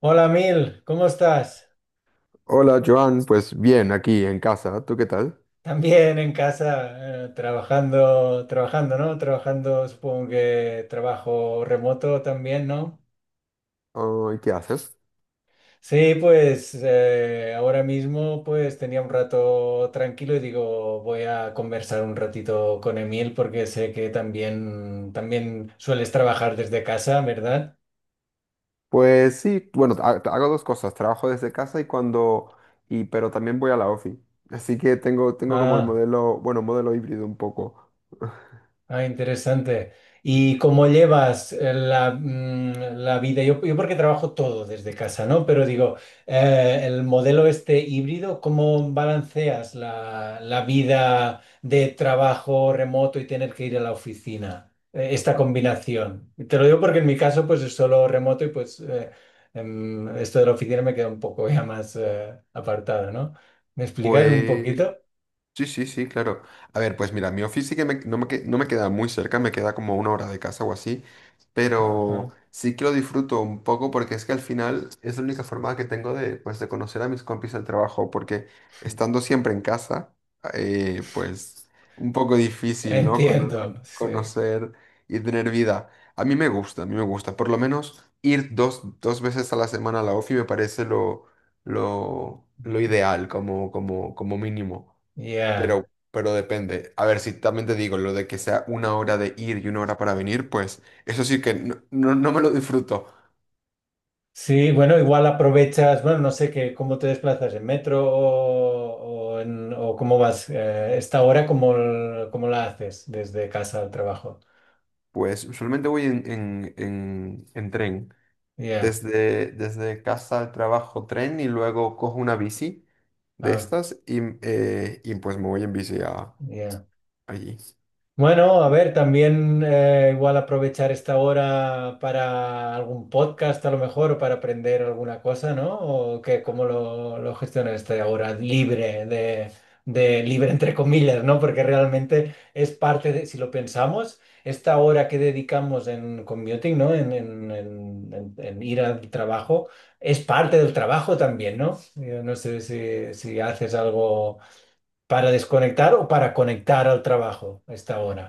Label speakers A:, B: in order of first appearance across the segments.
A: Hola Mil, ¿cómo estás?
B: Hola Joan, pues bien, aquí en casa, ¿tú qué tal?
A: También en casa, trabajando, trabajando, ¿no? Trabajando, supongo que trabajo remoto también, ¿no?
B: Ah, ¿y qué haces?
A: Sí, pues ahora mismo pues tenía un rato tranquilo y digo, voy a conversar un ratito con Emil porque sé que también, también sueles trabajar desde casa, ¿verdad?
B: Pues sí, bueno, hago dos cosas, trabajo desde casa y pero también voy a la ofi, así que tengo, tengo como el
A: Ah.
B: modelo, bueno, modelo híbrido un poco.
A: Ah, interesante. ¿Y cómo llevas la vida? Yo porque trabajo todo desde casa, ¿no? Pero digo, el modelo este híbrido, ¿cómo balanceas la vida de trabajo remoto y tener que ir a la oficina? Esta combinación. Te lo digo porque en mi caso, pues es solo remoto y pues esto de la oficina me queda un poco ya más apartado, ¿no? ¿Me explicas un
B: Pues
A: poquito?
B: sí, sí, sí, claro. A ver, pues mira, mi office sí que no me queda muy cerca, me queda como una hora de casa o así, pero
A: Ajá.
B: sí que lo disfruto un poco porque es que al final es la única forma que tengo de, pues, de conocer a mis compis del trabajo, porque estando siempre en casa, pues un poco difícil, ¿no?
A: Entiendo, sí.
B: Conocer y tener vida. A mí me gusta, a mí me gusta. Por lo menos ir dos, dos veces a la semana a la ofi me parece lo ideal como, como, como mínimo.
A: Ya.
B: Pero depende. A ver, si también te digo, lo de que sea una hora de ir y una hora para venir, pues eso sí que no, no me lo disfruto.
A: Sí, bueno, igual aprovechas, bueno, no sé qué, cómo te desplazas en metro o, o cómo vas esta hora, cómo, cómo la haces desde casa al trabajo.
B: Pues usualmente voy en tren.
A: Ya,
B: Desde, desde casa al trabajo tren y luego cojo una bici de
A: ah,
B: estas y y pues me voy en bici a,
A: ya.
B: allí.
A: Bueno, a ver, también igual aprovechar esta hora para algún podcast a lo mejor, para aprender alguna cosa, ¿no? ¿O qué, cómo lo gestionas esta hora libre de libre entre comillas, ¿no? Porque realmente es parte de, si lo pensamos, esta hora que dedicamos en commuting, ¿no? En, en ir al trabajo, es parte del trabajo también, ¿no? Yo no sé si, si haces algo para desconectar o para conectar al trabajo esta hora.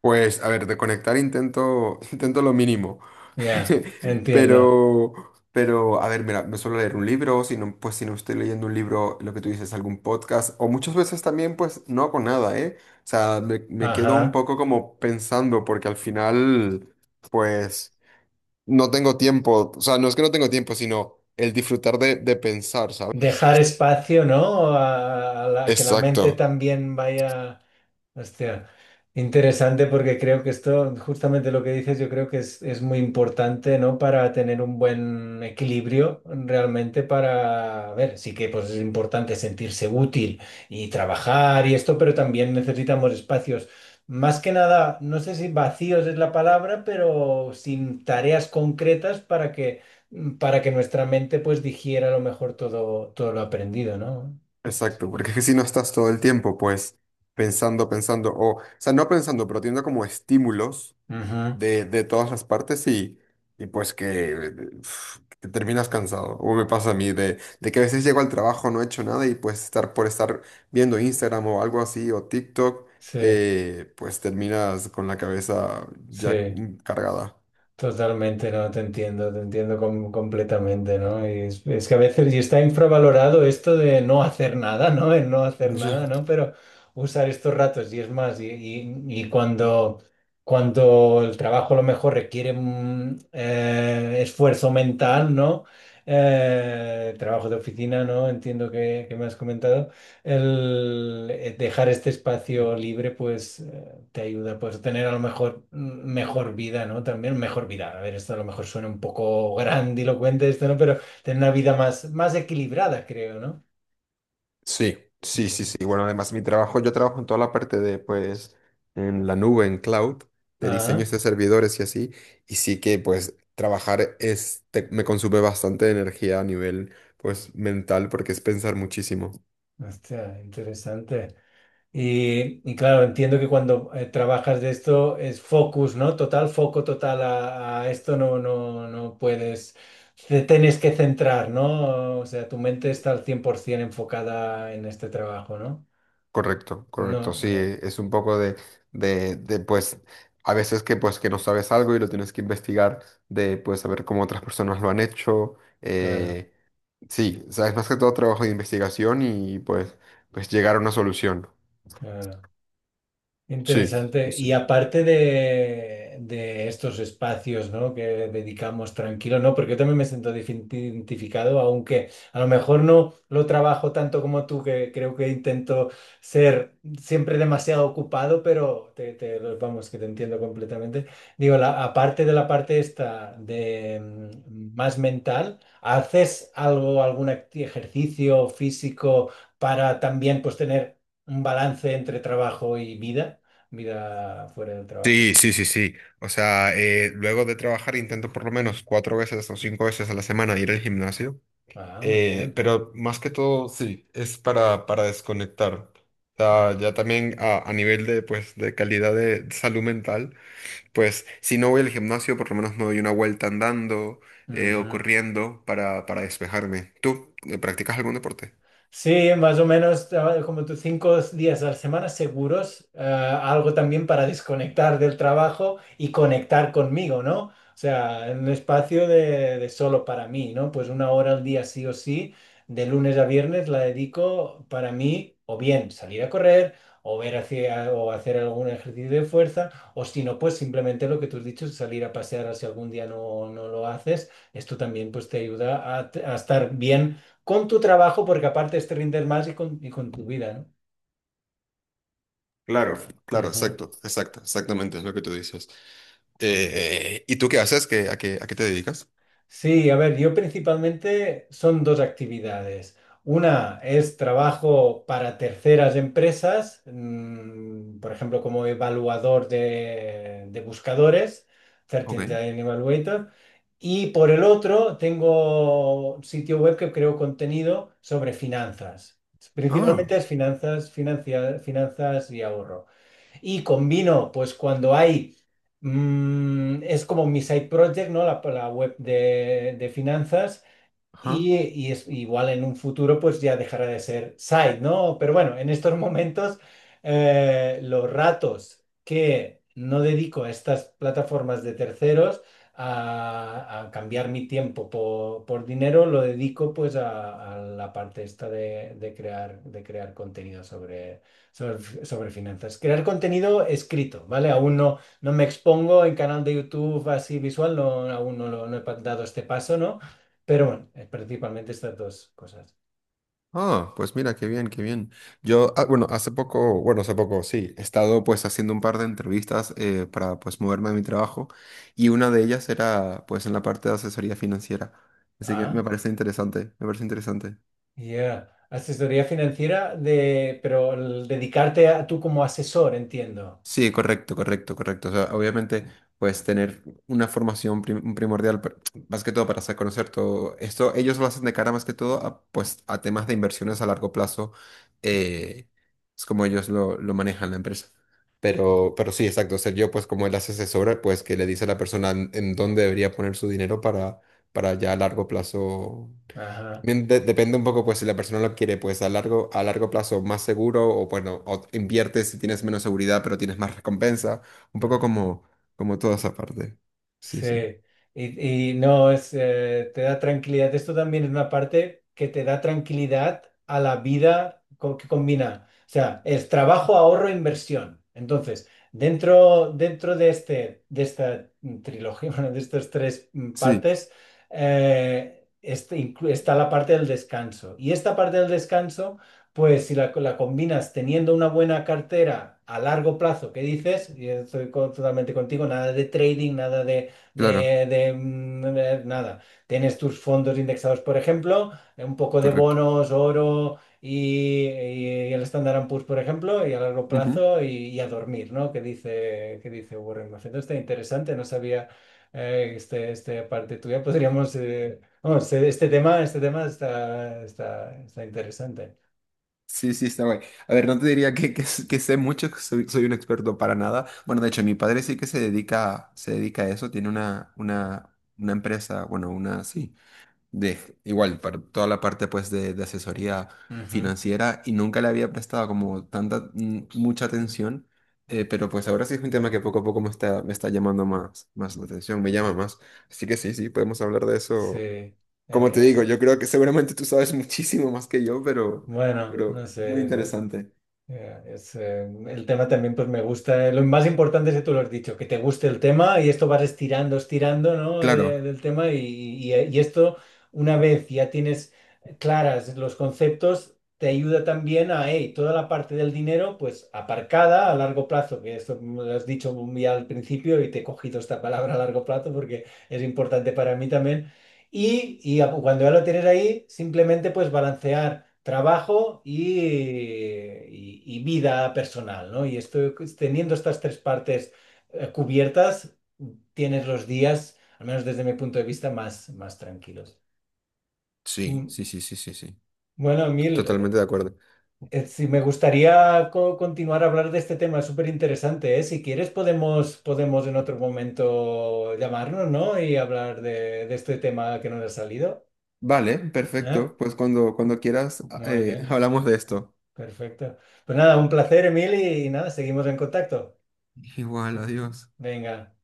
B: Pues, a ver, de conectar intento, intento lo mínimo.
A: Ya, entiendo.
B: Pero, pero, a ver, mira, me suelo leer un libro, si no, pues si no estoy leyendo un libro, lo que tú dices, algún podcast, o muchas veces también, pues no hago nada, ¿eh? O sea, me quedo un
A: Ajá.
B: poco como pensando, porque al final, pues, no tengo tiempo. O sea, no es que no tengo tiempo, sino el disfrutar de pensar, ¿sabes?
A: Dejar espacio, ¿no? A, que la mente
B: Exacto.
A: también vaya. Hostia, interesante porque creo que esto, justamente lo que dices, yo creo que es muy importante, ¿no? Para tener un buen equilibrio realmente para, a ver, sí que pues es importante sentirse útil y trabajar y esto, pero también necesitamos espacios, más que nada, no sé si vacíos es la palabra, pero sin tareas concretas para que nuestra mente pues digiera a lo mejor todo, todo lo aprendido, ¿no?
B: Exacto, porque es que si no estás todo el tiempo, pues, pensando, pensando, o sea, no pensando, pero teniendo como estímulos
A: Ujú.
B: de todas las partes y pues que uf, te terminas cansado. O me pasa a mí de que a veces llego al trabajo, no he hecho nada y pues estar por estar viendo Instagram o algo así, o TikTok,
A: Sí,
B: pues terminas con la cabeza ya
A: sí.
B: cargada.
A: Totalmente, no, te entiendo, completamente, ¿no? Y es que a veces y está infravalorado esto de no hacer nada, ¿no? El no hacer
B: Ya.
A: nada, ¿no? Pero usar estos ratos y es más, y cuando, cuando el trabajo a lo mejor requiere esfuerzo mental, ¿no? Trabajo de oficina, ¿no? Entiendo que me has comentado. El dejar este espacio libre, pues te ayuda pues, a tener a lo mejor mejor vida, ¿no? También mejor vida. A ver, esto a lo mejor suena un poco grandilocuente esto, ¿no? Pero tener una vida más, más equilibrada, creo, ¿no?
B: Sí, sí, sí,
A: Ujú.
B: sí. Bueno, además mi trabajo, yo trabajo en toda la parte de, pues, en la nube, en cloud, de
A: Ah,
B: diseños de servidores y así. Y sí que, pues, trabajar es, me consume bastante energía a nivel, pues, mental, porque es pensar muchísimo.
A: hostia, interesante. Y claro, entiendo que cuando trabajas de esto es focus, ¿no? Total, foco total a esto no, no, no puedes, te tienes que centrar, ¿no? O sea, tu mente está al 100% enfocada en este trabajo, ¿no?
B: Correcto, correcto.
A: No,
B: Sí,
A: ya,
B: es un poco de, pues, a veces que, pues, que no sabes algo y lo tienes que investigar, de, pues, saber cómo otras personas lo han hecho.
A: claro,
B: eh, sí, o sea, es más que todo trabajo de investigación y, pues llegar a una solución.
A: claro.
B: Sí, sí,
A: Interesante.
B: sí.
A: Y aparte de estos espacios, ¿no? Que dedicamos tranquilo, ¿no? Porque yo también me siento identificado, aunque a lo mejor no lo trabajo tanto como tú, que creo que intento ser siempre demasiado ocupado, pero vamos, que te entiendo completamente. Digo, la, aparte de la parte esta de más mental, ¿haces algo, ejercicio físico para también pues tener un balance entre trabajo y vida? Vida fuera del trabajo.
B: Sí, sí, sí, sí. O sea, luego de trabajar intento por lo menos cuatro veces o cinco veces a la semana ir al gimnasio.
A: Ah, muy bien.
B: Pero más que todo, sí, es para desconectar. O sea,
A: Claro.
B: ya también a nivel de, pues, de calidad de salud mental, pues si no voy al gimnasio, por lo menos me doy una vuelta andando o
A: Ujú.
B: corriendo para despejarme. ¿Tú practicas algún deporte?
A: Sí, más o menos como tus 5 días a la semana seguros, algo también para desconectar del trabajo y conectar conmigo, ¿no? O sea, en un espacio de solo para mí, ¿no? Pues 1 hora al día sí o sí, de lunes a viernes la dedico para mí, o bien salir a correr, o ver hacia, o hacer algún ejercicio de fuerza, o si no, pues simplemente lo que tú has dicho, salir a pasear si algún día no, no lo haces, esto también pues te ayuda a estar bien con tu trabajo, porque aparte es te rindes más y con tu vida,
B: Claro,
A: ¿no?
B: claro,
A: Ujú.
B: exacto, exacto, exactamente es lo que tú dices. ¿Y tú qué haces? ¿Qué, a qué, a qué te dedicas?
A: Sí, a ver, yo principalmente son 2 actividades. Una es trabajo para terceras empresas, mm, por ejemplo, como evaluador de buscadores, Certain
B: Ok.
A: Evaluator. Y por el otro, tengo un sitio web que creo contenido sobre finanzas. Principalmente
B: Ah,
A: es finanzas, finanzas y ahorro. Y combino, pues cuando hay, es como mi side project, ¿no? La web de finanzas.
B: ajá.
A: Y es igual en un futuro, pues ya dejará de ser side, ¿no? Pero bueno, en estos momentos, los ratos que no dedico a estas plataformas de terceros a cambiar mi tiempo por dinero, lo dedico pues a la parte esta de crear contenido sobre finanzas. Crear contenido escrito, ¿vale? Aún no, no me expongo en canal de YouTube así visual, no, aún no, no he dado este paso, ¿no? Pero bueno, principalmente estas 2 cosas.
B: Ah, pues mira, qué bien, qué bien. Yo, ah, bueno, hace poco, sí, he estado pues haciendo un par de entrevistas para pues moverme de mi trabajo y una de ellas era pues en la parte de asesoría financiera. Así que
A: Ah,
B: me parece interesante, me parece interesante.
A: yeah. Asesoría financiera de, pero el dedicarte a tú como asesor, entiendo.
B: Sí, correcto, correcto, correcto. O sea, obviamente, pues tener una formación primordial, más que todo para hacer conocer todo esto, ellos lo hacen de cara más que todo a, pues, a temas de inversiones a largo plazo, eh, es como ellos lo manejan la empresa. Pero sí, exacto. O sea, yo, pues como él hace asesora, pues que le dice a la persona en dónde debería poner su dinero para ya a largo plazo
A: Ajá.
B: también depende un poco, pues, si la persona lo quiere, pues, a largo plazo más seguro o, bueno, o inviertes si tienes menos seguridad, pero tienes más recompensa. Un poco
A: Mm.
B: como, como toda esa parte. Sí, sí.
A: Sí, y no es, te da tranquilidad. Esto también es una parte que te da tranquilidad a la vida que combina. O sea, es trabajo, ahorro, inversión. Entonces, dentro, dentro de este, de esta trilogía, bueno, de estas tres
B: Sí,
A: partes, este está la parte del descanso. Y esta parte del descanso, pues si la, la combinas teniendo una buena cartera a largo plazo, ¿qué dices? Y estoy totalmente contigo, nada de trading, nada de
B: claro,
A: de, de nada. Tienes tus fondos indexados, por ejemplo, un poco de
B: correcto.
A: bonos, oro y el Standard and Poor's, por ejemplo, y a largo
B: Ujú.
A: plazo y a dormir, ¿no? Que dice Warren Buffett. Está interesante, no sabía este parte tuya. Podríamos, vamos, este tema, está interesante.
B: Sí, sí, está guay. A ver, no te diría que sé mucho, que soy, soy un experto para nada. Bueno, de hecho, mi padre sí que se dedica a eso, tiene una empresa, bueno, una, sí. De igual, para toda la parte pues de asesoría
A: Ujú.
B: financiera y nunca le había prestado como tanta, mucha atención, pero pues ahora sí es un tema que poco a poco me está llamando más, más la atención, me llama más. Así que sí, sí, podemos hablar de
A: Sí.
B: eso.
A: En-
B: Como te digo,
A: en-
B: yo creo
A: en-
B: que seguramente tú sabes muchísimo más que yo,
A: bueno, no
B: pero es muy
A: sé.
B: interesante.
A: Ya, es, el tema también pues me gusta. Eh, lo más importante es que tú lo has dicho, que te guste el tema y esto vas estirando, estirando, ¿no?
B: Claro,
A: Del tema y esto una vez ya tienes claras los conceptos, te ayuda también a, hey, toda la parte del dinero pues aparcada a largo plazo, que esto me lo has dicho ya al principio y te he cogido esta palabra a largo plazo porque es importante para mí también. Cuando ya lo tienes ahí, simplemente pues balancear trabajo y vida personal, ¿no? Y esto teniendo estas 3 partes cubiertas, tienes los días, al menos desde mi punto de vista, más, más tranquilos.
B: sí,
A: Mm,
B: sí, sí, sí, sí, sí.
A: Bueno, Emil,
B: Totalmente de acuerdo.
A: si me gustaría continuar a hablar de este tema, es súper interesante, ¿eh? Si quieres podemos, podemos en otro momento llamarnos, ¿no? Y hablar de este tema que nos ha salido,
B: Vale,
A: ¿eh?
B: perfecto. Pues cuando, cuando quieras,
A: Muy bien,
B: hablamos de esto.
A: perfecto. Pues nada, un placer, Emil, y nada, seguimos en contacto.
B: Igual, adiós.
A: Venga.